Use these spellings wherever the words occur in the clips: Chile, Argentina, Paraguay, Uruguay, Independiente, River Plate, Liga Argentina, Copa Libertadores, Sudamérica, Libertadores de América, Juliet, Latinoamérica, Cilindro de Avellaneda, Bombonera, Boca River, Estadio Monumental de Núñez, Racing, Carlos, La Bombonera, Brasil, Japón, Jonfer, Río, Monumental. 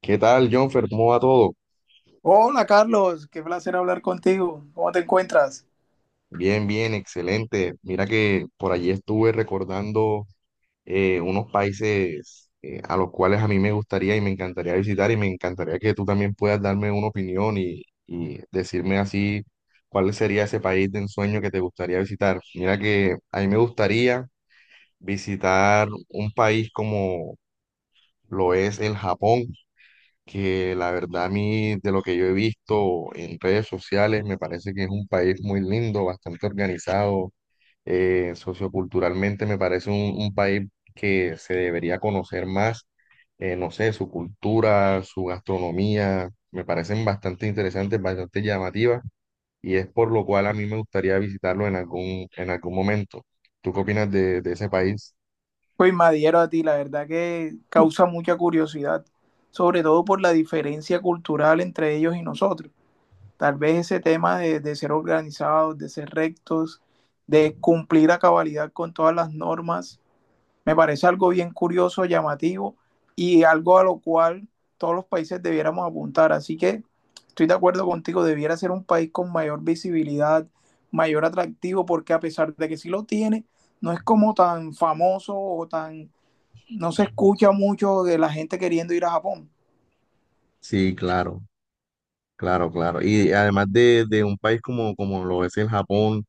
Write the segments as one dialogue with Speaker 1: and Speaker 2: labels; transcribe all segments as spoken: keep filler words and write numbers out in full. Speaker 1: ¿Qué tal, Jonfer? ¿Cómo va todo?
Speaker 2: Hola Carlos, qué placer hablar contigo. ¿Cómo te encuentras?
Speaker 1: Bien, bien, excelente. Mira que por allí estuve recordando eh, unos países eh, a los cuales a mí me gustaría y me encantaría visitar y me encantaría que tú también puedas darme una opinión y, y decirme así cuál sería ese país de ensueño que te gustaría visitar. Mira que a mí me gustaría visitar un país como lo es el Japón, que la verdad a mí, de lo que yo he visto en redes sociales, me parece que es un país muy lindo, bastante organizado, eh, socioculturalmente me parece un, un país que se debería conocer más, eh, no sé, su cultura, su gastronomía, me parecen bastante interesantes, bastante llamativas, y es por lo cual a mí me gustaría visitarlo en algún, en algún momento. ¿Tú qué opinas de, de ese país?
Speaker 2: Pues me adhiero a ti, la verdad que causa mucha curiosidad, sobre todo por la diferencia cultural entre ellos y nosotros. Tal vez ese tema de, de ser organizados, de ser rectos, de cumplir a cabalidad con todas las normas. Me parece algo bien curioso, llamativo y algo a lo cual todos los países debiéramos apuntar. Así que estoy de acuerdo contigo, debiera ser un país con mayor visibilidad, mayor atractivo, porque a pesar de que sí lo tiene, no es como tan famoso o tan, no se escucha mucho de la gente queriendo ir a Japón.
Speaker 1: Sí, claro, claro, claro. Y además de, de un país como, como lo es el Japón,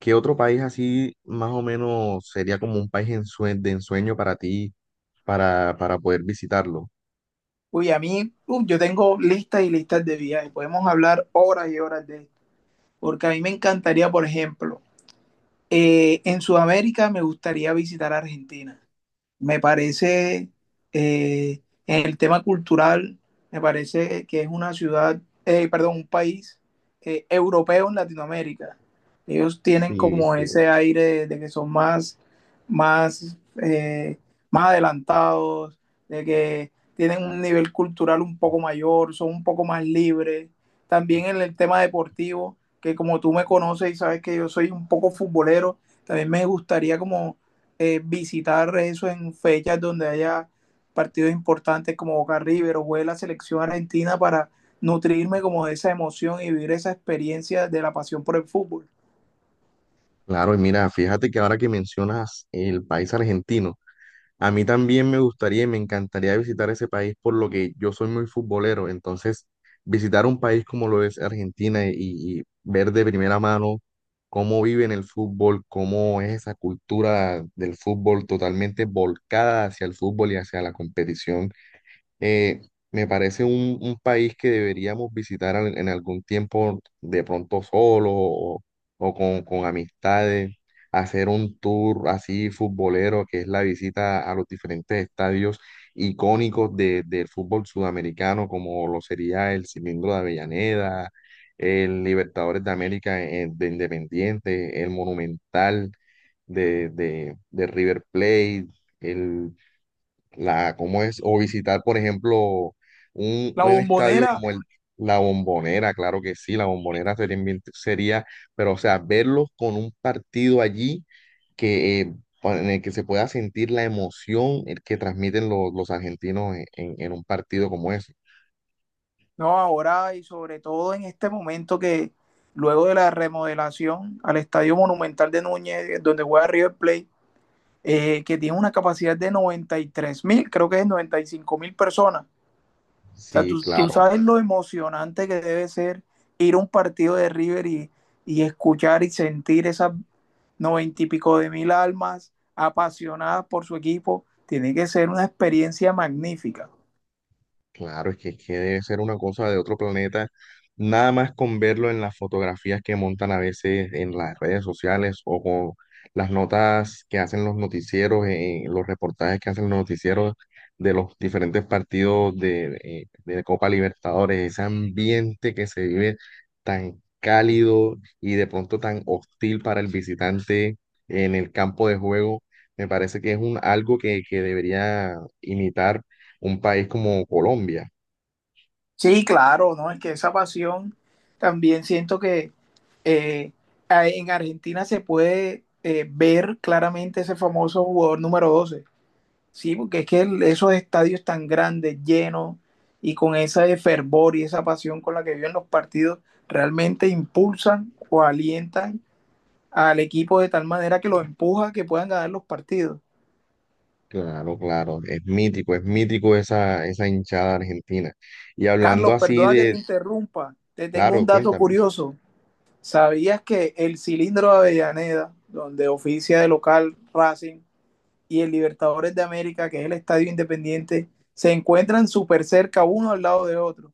Speaker 1: ¿qué otro país así más o menos sería como un país ensue- de ensueño para ti, para, para poder visitarlo?
Speaker 2: Uy, a mí, uy, yo tengo listas y listas de viajes, podemos hablar horas y horas de esto, porque a mí me encantaría, por ejemplo, eh, en Sudamérica me gustaría visitar Argentina. Me parece, eh, en el tema cultural, me parece que es una ciudad, eh, perdón, un país eh, europeo en Latinoamérica. Ellos tienen
Speaker 1: Sí,
Speaker 2: como
Speaker 1: sí.
Speaker 2: ese aire de, de que son más, más, eh, más adelantados, de que tienen un nivel cultural un poco mayor, son un poco más libres. También en el tema deportivo, que como tú me conoces y sabes que yo soy un poco futbolero, también me gustaría como eh, visitar eso en fechas donde haya partidos importantes como Boca River o juegue la selección argentina para nutrirme como de esa emoción y vivir esa experiencia de la pasión por el fútbol.
Speaker 1: Claro, y mira, fíjate que ahora que mencionas el país argentino, a mí también me gustaría y me encantaría visitar ese país por lo que yo soy muy futbolero, entonces visitar un país como lo es Argentina y, y ver de primera mano cómo viven el fútbol, cómo es esa cultura del fútbol totalmente volcada hacia el fútbol y hacia la competición. Eh, Me parece un, un país que deberíamos visitar al- en algún tiempo, de pronto solo o, o con, con amistades, hacer un tour así futbolero, que es la visita a los diferentes estadios icónicos de- del fútbol sudamericano, como lo sería el Cilindro de Avellaneda, el Libertadores de América, eh, de Independiente, el Monumental de, de de River Plate, el la, cómo es, o visitar, por ejemplo, un,
Speaker 2: La
Speaker 1: un estadio
Speaker 2: bombonera.
Speaker 1: como el, la Bombonera, claro que sí, la Bombonera sería, bien- sería, pero o sea, verlos con un partido allí que, eh, pa- en el que se pueda sentir la emoción eh, que transmiten los, los argentinos en, en- en un partido como ese.
Speaker 2: No, ahora y sobre todo en este momento que luego de la remodelación al Estadio Monumental de Núñez, donde juega River Plate, eh, que tiene una capacidad de noventa y tres mil, creo que es noventa y cinco mil personas. O sea, tú,
Speaker 1: Sí,
Speaker 2: tú
Speaker 1: claro.
Speaker 2: sabes lo emocionante que debe ser ir a un partido de River y, y escuchar y sentir esas noventa y pico de mil almas apasionadas por su equipo. Tiene que ser una experiencia magnífica.
Speaker 1: Claro, es que, es que debe ser una cosa de otro planeta, nada más con verlo en las fotografías que montan a veces en las redes sociales o con las notas que hacen los noticieros, eh, eh, los reportajes que hacen los noticieros de los diferentes partidos de, eh, de Copa Libertadores, ese ambiente que se vive tan cálido y de pronto tan hostil para el visitante en el campo de juego, me parece que es un, algo que, que debería imitar un país como Colombia.
Speaker 2: Sí, claro, ¿no? Es que esa pasión también siento que eh, en Argentina se puede eh, ver claramente ese famoso jugador número doce. Sí, porque es que el- esos estadios tan grandes, llenos y con ese fervor y esa pasión con la que viven los partidos, realmente impulsan o alientan al equipo de tal manera que los empuja a que puedan ganar los partidos.
Speaker 1: Claro, claro, es mítico, es mítico esa, esa hinchada argentina. Y hablando
Speaker 2: Carlos,
Speaker 1: así
Speaker 2: perdona que te
Speaker 1: de,
Speaker 2: interrumpa, te tengo un
Speaker 1: claro,
Speaker 2: dato
Speaker 1: cuéntame.
Speaker 2: curioso. ¿Sabías que el Cilindro de Avellaneda, donde oficia de local Racing, y el Libertadores de América, que es el estadio independiente, se encuentran súper cerca uno al lado de otro?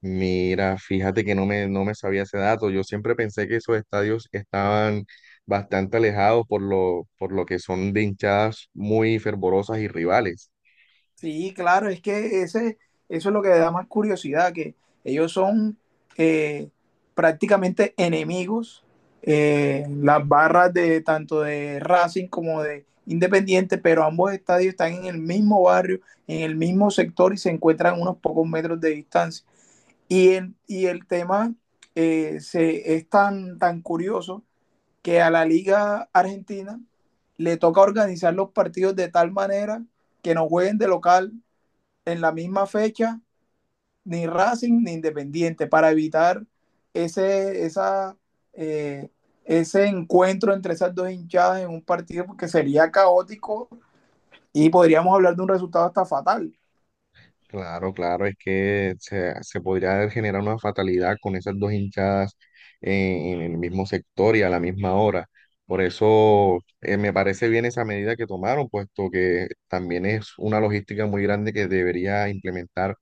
Speaker 1: Mira, fíjate que no me, no me sabía ese dato. Yo siempre pensé que esos estadios estaban bastante alejados por lo, por lo que son de hinchadas muy fervorosas y rivales.
Speaker 2: Sí, claro, es que ese, eso es lo que da más curiosidad, que ellos son eh, prácticamente enemigos, eh, las barras de tanto de Racing como de Independiente, pero ambos estadios están en el mismo barrio, en el mismo sector y se encuentran a unos pocos metros de distancia. Y el, y el tema eh, se, es tan, tan curioso que a la Liga Argentina le toca organizar los partidos de tal manera que no jueguen de local en la misma fecha ni Racing ni Independiente para evitar ese, esa, eh, ese encuentro entre esas dos hinchadas en un partido porque sería caótico y podríamos hablar de un resultado hasta fatal.
Speaker 1: Claro, claro, es que se, se podría generar una fatalidad con esas dos hinchadas eh, en, el mismo sector y a la misma hora. Por eso eh, me parece bien esa medida que tomaron, puesto que también es una logística muy grande que debería implementar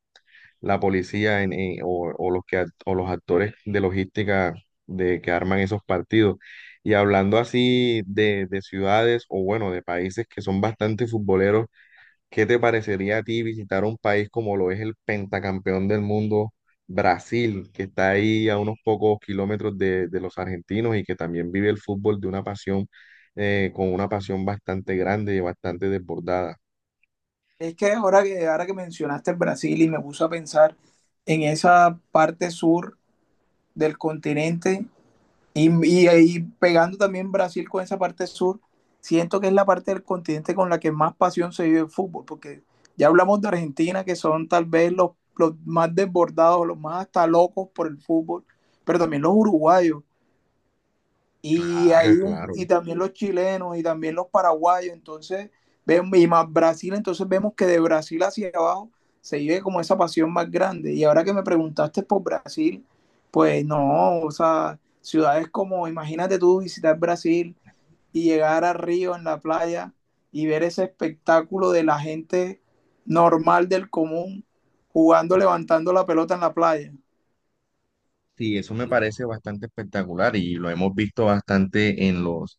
Speaker 1: la policía en, en- o, o los que, act- o los actores de logística de que arman esos partidos. Y hablando así de, de ciudades o bueno, de países que son bastante futboleros, ¿qué te parecería a ti visitar un país como lo es el pentacampeón del mundo, Brasil, que está ahí a unos pocos kilómetros de, de los argentinos y que también vive el fútbol de una pasión, eh, con una pasión bastante grande y bastante desbordada?
Speaker 2: Es que ahora que, ahora que mencionaste el Brasil y me puse a pensar en esa parte sur del continente. Y, y ahí pegando también Brasil con esa parte sur, siento que es la parte del continente con la que más pasión se vive el fútbol, porque ya hablamos de Argentina, que son tal vez los, los más desbordados, los más hasta locos por el fútbol, pero también los uruguayos y, hay
Speaker 1: Claro,
Speaker 2: un-
Speaker 1: claro.
Speaker 2: y también los chilenos y también los paraguayos, entonces, vemos, y más Brasil, entonces vemos que de Brasil hacia abajo se vive como esa pasión más grande. Y ahora que me preguntaste por Brasil, pues no, o sea, ciudades como, imagínate tú visitar Brasil y llegar a Río en la playa y ver ese espectáculo de la gente normal del común jugando, levantando la pelota en la playa.
Speaker 1: Sí, eso me parece bastante espectacular y lo hemos visto bastante en los,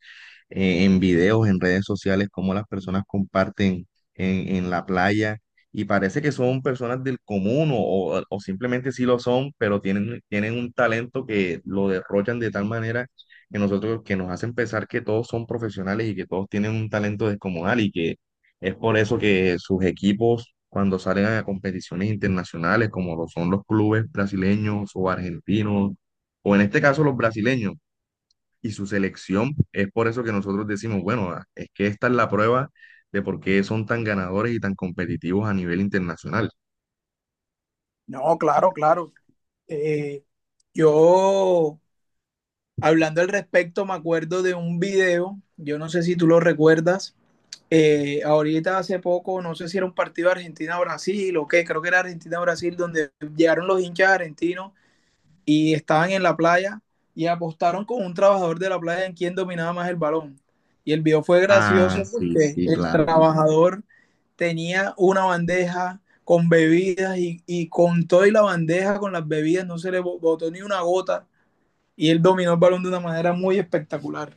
Speaker 1: eh, en videos, en redes sociales, cómo las personas comparten en, en la playa y parece que son personas del común o, o- simplemente sí lo son, pero tienen, tienen un talento que lo derrochan de tal manera que nosotros, que nos hacen pensar que todos son profesionales y que todos tienen un talento descomunal y que es por eso que sus equipos, cuando salen a competiciones internacionales, como lo son los clubes brasileños o argentinos, o en este caso los brasileños, y su selección, es por eso que nosotros decimos, bueno, ah, es que esta es la prueba de por qué son tan ganadores y tan competitivos a nivel internacional.
Speaker 2: No, claro, claro. Eh, yo Hablando al respecto, me acuerdo de un video, yo no sé si tú lo recuerdas, eh, ahorita hace poco, no sé si era un partido Argentina-Brasil o qué, creo que era Argentina-Brasil, donde llegaron los hinchas argentinos y estaban en la playa y apostaron con un trabajador de la playa en quién dominaba más el balón. Y el video fue
Speaker 1: Ah,
Speaker 2: gracioso
Speaker 1: sí,
Speaker 2: porque
Speaker 1: sí,
Speaker 2: el
Speaker 1: claro,
Speaker 2: trabajador tenía una bandeja con bebidas y, y con todo y la bandeja con las bebidas no se le botó ni una gota y él dominó el balón de una manera muy espectacular.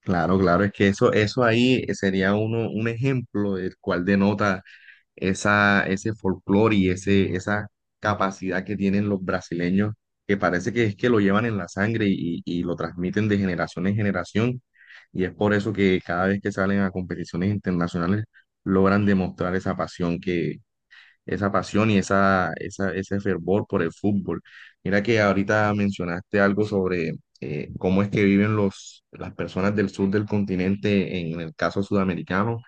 Speaker 1: claro, claro, es que eso, eso ahí sería uno, un ejemplo del cual denota esa, ese folclore y ese, esa capacidad que tienen los brasileños, que parece que es que lo llevan en la sangre y, y lo transmiten de generación en generación. Y es por eso que cada vez que salen a competiciones internacionales logran demostrar esa pasión, esa pasión y esa, esa, ese fervor por el fútbol. Mira que ahorita mencionaste algo sobre eh, cómo es que viven los, las personas del sur del continente en el caso sudamericano.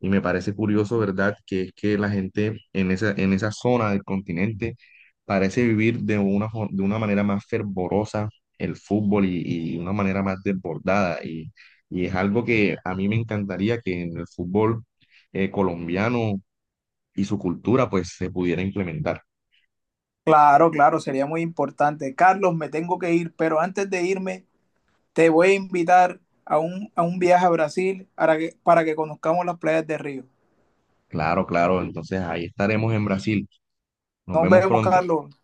Speaker 1: Y me parece curioso, ¿verdad?, que es que la gente en esa, en esa zona del continente parece vivir de una, fo- de una manera más fervorosa el fútbol y, y una manera más desbordada. Y, y es algo que a mí me encantaría que en el fútbol eh, colombiano y su cultura pues se pudiera implementar.
Speaker 2: Claro, claro, sería muy importante. Carlos, me tengo que ir, pero antes de irme, te voy a invitar a un, a un viaje a Brasil para que, para que conozcamos las playas de Río.
Speaker 1: Claro, claro, entonces ahí estaremos en Brasil. Nos
Speaker 2: Nos
Speaker 1: vemos
Speaker 2: vemos,
Speaker 1: pronto.
Speaker 2: Carlos.